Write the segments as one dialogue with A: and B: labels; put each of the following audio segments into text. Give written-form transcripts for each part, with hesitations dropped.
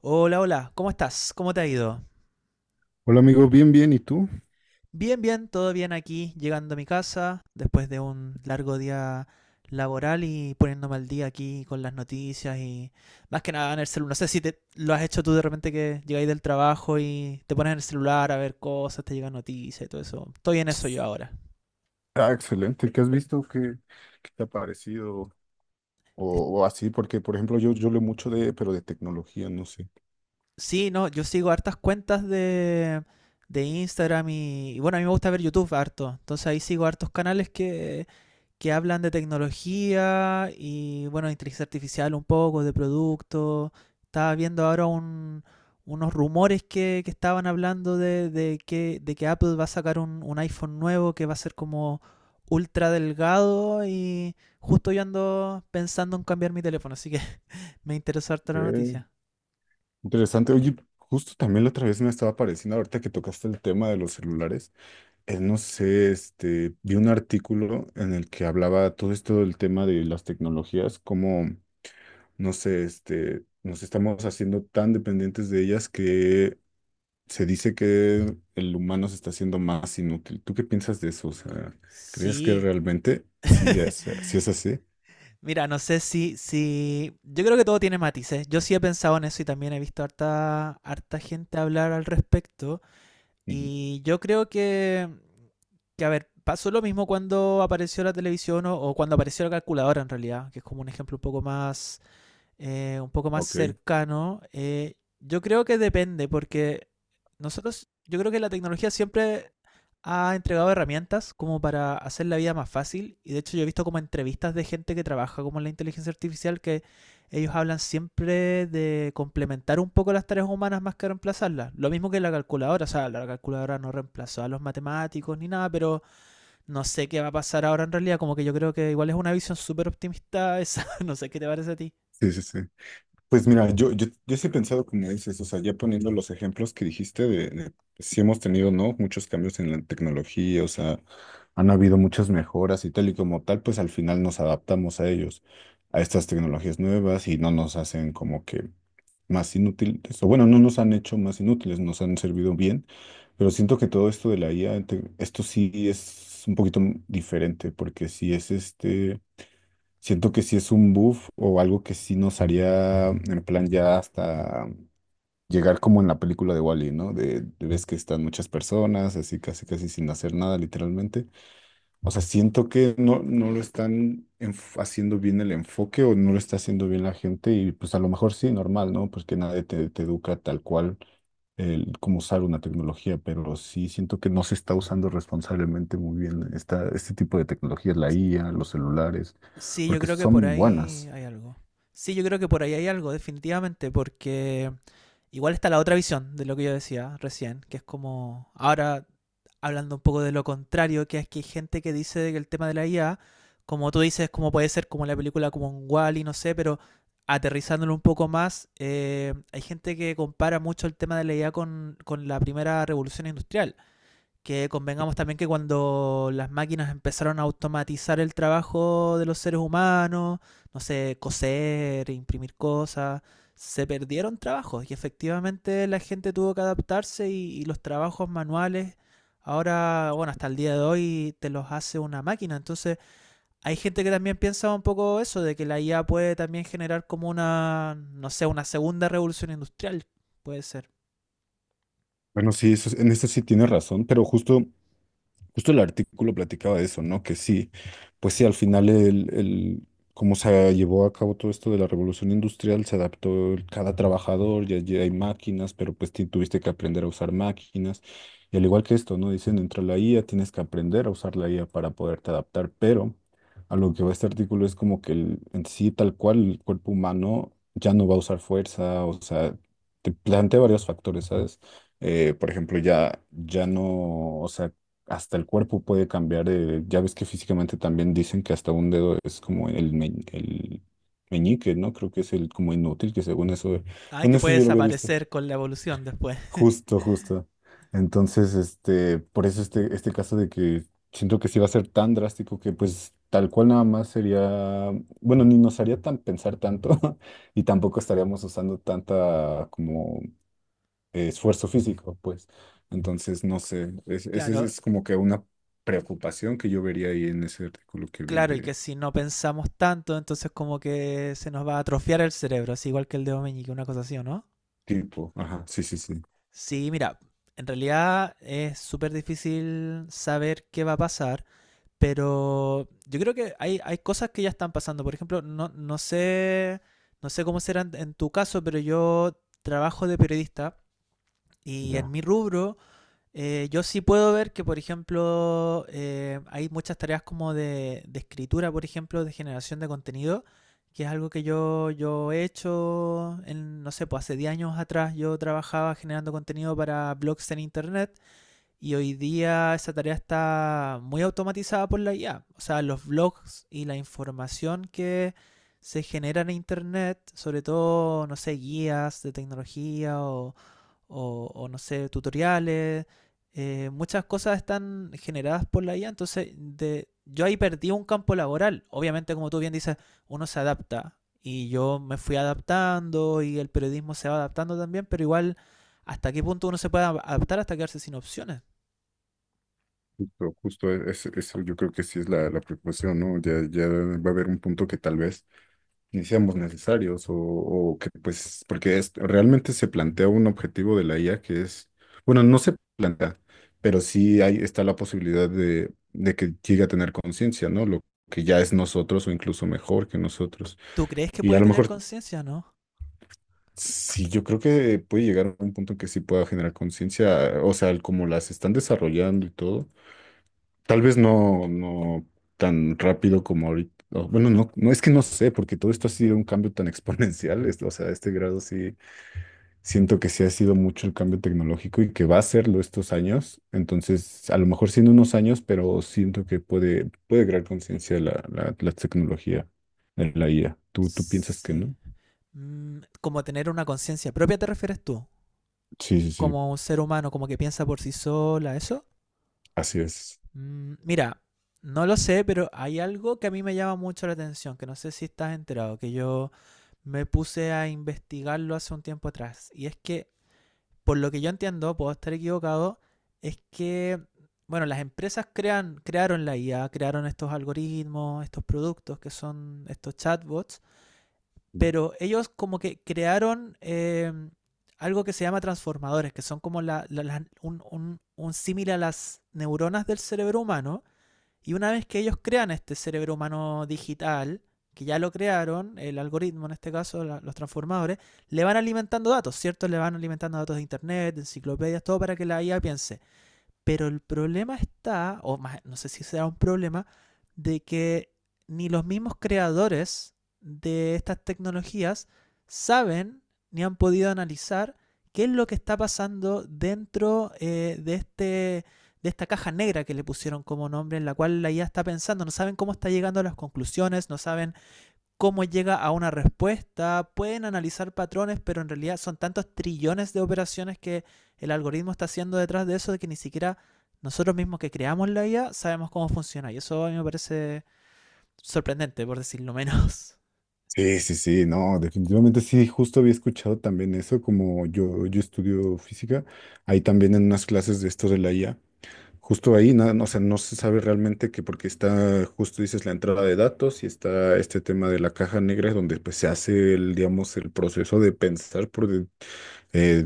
A: Hola, hola, ¿cómo estás? ¿Cómo te ha ido?
B: Hola amigo, bien, bien, ¿y tú?
A: Bien, bien, todo bien aquí, llegando a mi casa después de un largo día laboral y poniéndome al día aquí con las noticias y más que nada en el celular. No sé si te, lo has hecho tú de repente que llegáis del trabajo y te pones en el celular a ver cosas, te llegan noticias y todo eso. Estoy en eso yo ahora.
B: Ah, excelente, ¿qué has visto? ¿Qué te ha parecido?
A: Es-
B: O así, porque por ejemplo yo leo mucho pero de tecnología, no sé.
A: Sí, no, yo sigo hartas cuentas de Instagram y bueno, a mí me gusta ver YouTube harto. Entonces ahí sigo hartos canales que hablan de tecnología y, bueno, de inteligencia artificial un poco, de productos. Estaba viendo ahora unos rumores que estaban hablando de que Apple va a sacar un iPhone nuevo que va a ser como ultra delgado y justo yo ando pensando en cambiar mi teléfono, así que me interesó harto la
B: Ok.
A: noticia.
B: Interesante, oye, justo también la otra vez me estaba pareciendo, ahorita que tocaste el tema de los celulares, no sé, este, vi un artículo en el que hablaba todo esto del tema de las tecnologías, cómo no sé, este, nos estamos haciendo tan dependientes de ellas que se dice que el humano se está haciendo más inútil. ¿Tú qué piensas de eso? O sea, ¿crees que
A: Sí.
B: realmente sí es, sí es así?
A: Mira, no sé si, si. Yo creo que todo tiene matices. Yo sí he pensado en eso y también he visto harta gente hablar al respecto.
B: Ujú.
A: Y yo creo que a ver, pasó lo mismo cuando apareció la televisión o cuando apareció la calculadora en realidad, que es como un ejemplo un poco más
B: Ok,
A: cercano, yo creo que depende, porque nosotros, yo creo que la tecnología siempre ha entregado herramientas como para hacer la vida más fácil. Y de hecho yo he visto como entrevistas de gente que trabaja como en la inteligencia artificial que ellos hablan siempre de complementar un poco las tareas humanas más que reemplazarlas. Lo mismo que la calculadora, o sea, la calculadora no reemplazó a los matemáticos ni nada, pero no sé qué va a pasar ahora en realidad. Como que yo creo que igual es una visión súper optimista esa, no sé qué te parece a ti.
B: sí, sí, sí. Pues mira, yo sí he pensado como dices, o sea, ya poniendo los ejemplos que dijiste de si hemos tenido, ¿no? Muchos cambios en la tecnología, o sea, han habido muchas mejoras y tal y como tal, pues al final nos adaptamos a ellos, a estas tecnologías nuevas y no nos hacen como que más inútiles, o bueno, no nos han hecho más inútiles, nos han servido bien, pero siento que todo esto de la IA, esto sí es un poquito diferente, porque sí es este, siento que sí es un buff o algo que sí nos haría en plan ya hasta llegar como en la película de Wall-E, ¿no? De ves que están muchas personas, así casi casi sin hacer nada, literalmente o sea, siento que no lo están haciendo bien el enfoque o no lo está haciendo bien la gente y pues a lo mejor sí, normal, ¿no? Porque nadie te educa tal cual el cómo usar una tecnología, pero sí siento que no se está usando responsablemente muy bien este tipo de tecnologías, la IA, los celulares,
A: Sí, yo
B: porque
A: creo que por
B: son
A: ahí
B: buenas.
A: hay algo. Sí, yo creo que por ahí hay algo, definitivamente, porque igual está la otra visión de lo que yo decía recién, que es como, ahora hablando un poco de lo contrario, que es que hay gente que dice que el tema de la IA, como tú dices, como puede ser como la película como un Wall-E, no sé, pero aterrizándolo un poco más, hay gente que compara mucho el tema de la IA con la primera revolución industrial que convengamos también que cuando las máquinas empezaron a automatizar el trabajo de los seres humanos, no sé, coser, imprimir cosas, se perdieron trabajos y efectivamente la gente tuvo que adaptarse y los trabajos manuales ahora, bueno, hasta el día de hoy te los hace una máquina. Entonces, hay gente que también piensa un poco eso, de que la IA puede también generar como una, no sé, una segunda revolución industrial, puede ser.
B: Bueno, sí, eso, en eso sí tiene razón, pero justo el artículo platicaba de eso, ¿no? Que sí, pues sí, al final cómo se llevó a cabo todo esto de la revolución industrial, se adaptó cada trabajador, ya hay máquinas, pero pues tuviste que aprender a usar máquinas. Y al igual que esto, ¿no? Dicen, entra la IA, tienes que aprender a usar la IA para poderte adaptar, pero a lo que va este artículo es como que en sí, tal cual, el cuerpo humano ya no va a usar fuerza, o sea, te plantea varios factores, ¿sabes? Por ejemplo, ya no, o sea, hasta el cuerpo puede cambiar. Ya ves que físicamente también dicen que hasta un dedo es como el meñique, ¿no? Creo que es el como inútil, que según eso,
A: Ay,
B: bueno,
A: que
B: eso
A: puede
B: yo lo había visto.
A: desaparecer con la evolución después.
B: Justo, justo. Entonces, este, por eso este caso de que siento que sí va a ser tan drástico que pues tal cual nada más sería, bueno, ni nos haría tan pensar tanto y tampoco estaríamos usando tanta como esfuerzo físico, pues. Entonces, no sé, es, es, es
A: Claro.
B: es como que una preocupación que yo vería ahí en ese artículo que vi
A: Claro, y que
B: de
A: si no pensamos tanto, entonces como que se nos va a atrofiar el cerebro, así igual que el dedo meñique, una cosa así, ¿o no?
B: tipo, ajá, sí, sí, sí,
A: Sí, mira, en realidad es súper difícil saber qué va a pasar, pero yo creo que hay cosas que ya están pasando. Por ejemplo, no, no sé cómo será en tu caso, pero yo trabajo de periodista y en
B: ya.
A: mi rubro. Yo sí puedo ver que, por ejemplo, hay muchas tareas como de escritura, por ejemplo, de generación de contenido, que es algo que yo he hecho, en, no sé, pues hace 10 años atrás yo trabajaba generando contenido para blogs en Internet y hoy día esa tarea está muy automatizada por la IA. O sea, los blogs y la información que se genera en Internet, sobre todo, no sé, guías de tecnología o no sé, tutoriales. Muchas cosas están generadas por la IA, entonces de, yo ahí perdí un campo laboral. Obviamente, como tú bien dices, uno se adapta y yo me fui adaptando y el periodismo se va adaptando también, pero igual, ¿hasta qué punto uno se puede adaptar hasta quedarse sin opciones?
B: Justo, justo eso yo creo que sí es la preocupación, ¿no? Ya va a haber un punto que tal vez ni seamos necesarios o que pues, porque realmente se plantea un objetivo de la IA que es, bueno, no se plantea, pero sí hay, está la posibilidad de que llegue a tener conciencia, ¿no? Lo que ya es nosotros o incluso mejor que nosotros.
A: ¿Tú crees que
B: Y a
A: puede
B: lo
A: tener
B: mejor,
A: conciencia, no?
B: sí, yo creo que puede llegar a un punto en que sí pueda generar conciencia, o sea, el como las están desarrollando y todo. Tal vez no tan rápido como ahorita. Bueno, no es que no sé, porque todo esto ha sido un cambio tan exponencial. O sea, a este grado sí siento que sí ha sido mucho el cambio tecnológico y que va a serlo estos años. Entonces, a lo mejor siendo unos años, pero siento que puede crear conciencia la tecnología, la IA. ¿Tú piensas que
A: Sí.
B: no?
A: ¿Como tener una conciencia propia, te refieres tú?
B: Sí, sí, sí,
A: ¿Como un ser humano, como que piensa por sí sola, eso?
B: así es.
A: Mira, no lo sé, pero hay algo que a mí me llama mucho la atención, que no sé si estás enterado, que yo me puse a investigarlo hace un tiempo atrás. Y es que, por lo que yo entiendo, puedo estar equivocado, es que, bueno, las empresas crearon la IA, crearon estos algoritmos, estos productos que son estos chatbots, pero ellos como que crearon algo que se llama transformadores, que son como un símil a las neuronas del cerebro humano y una vez que ellos crean este cerebro humano digital, que ya lo crearon, el algoritmo en este caso, los transformadores, le van alimentando datos, ¿cierto? Le van alimentando datos de internet, de enciclopedias, todo para que la IA piense. Pero el problema está, o más, no sé si será un problema, de que ni los mismos creadores de estas tecnologías saben ni han podido analizar qué es lo que está pasando dentro de esta caja negra que le pusieron como nombre, en la cual la IA está pensando. No saben cómo está llegando a las conclusiones, no saben cómo llega a una respuesta, pueden analizar patrones, pero en realidad son tantos trillones de operaciones que el algoritmo está haciendo detrás de eso de que ni siquiera nosotros mismos que creamos la IA sabemos cómo funciona. Y eso a mí me parece sorprendente, por decirlo menos.
B: Sí, sí, sí, no, definitivamente sí, justo había escuchado también eso, como yo estudio física, ahí también en unas clases de esto de la IA, justo ahí, nada, no, o sea, no se sabe realmente que porque está, justo dices, la entrada de datos y está este tema de la caja negra, donde pues se hace el, digamos, el proceso de pensar, eh,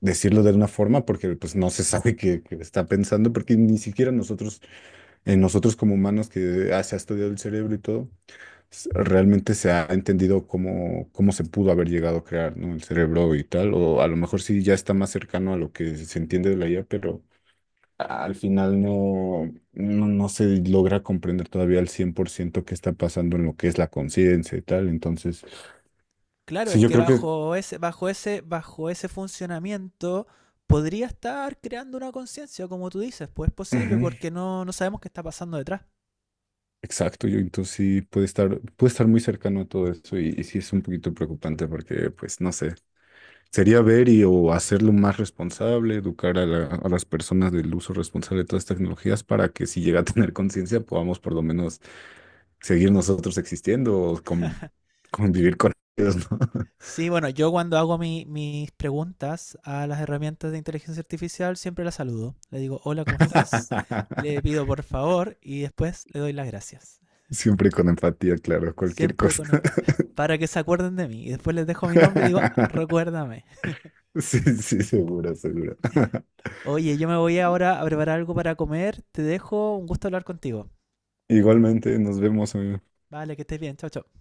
B: decirlo de una forma, porque pues no se sabe qué está pensando, porque ni siquiera nosotros como humanos que se ha estudiado el cerebro y todo, realmente se ha entendido cómo se pudo haber llegado a crear, ¿no? El cerebro y tal, o a lo mejor sí ya está más cercano a lo que se entiende de la IA, pero al final no se logra comprender todavía al 100% qué está pasando en lo que es la conciencia y tal. Entonces,
A: Claro,
B: sí,
A: es
B: yo
A: que
B: creo que.
A: bajo ese funcionamiento podría estar creando una conciencia, como tú dices, pues es posible
B: Ujú,
A: porque no, no sabemos qué está pasando detrás.
B: exacto, yo entonces sí puede estar muy cercano a todo eso y sí es un poquito preocupante porque, pues, no sé. Sería ver y o hacerlo más responsable, educar a las personas del uso responsable de todas estas tecnologías para que si llega a tener conciencia podamos por lo menos seguir nosotros existiendo o convivir con ellos, ¿no?
A: Sí, bueno, yo cuando hago mis preguntas a las herramientas de inteligencia artificial siempre las saludo. Le digo, hola, ¿cómo estás? Le pido por favor y después le doy las gracias.
B: Siempre con empatía, claro, cualquier
A: Siempre
B: cosa.
A: con para que se acuerden de mí. Y después les dejo mi nombre y digo, "Ah, recuérdame."
B: Sí, sí, seguro, seguro.
A: Oye, yo me voy ahora a preparar algo para comer. Te dejo, un gusto hablar contigo.
B: Igualmente, nos vemos, amigo.
A: Vale, que estés bien. Chao, chao.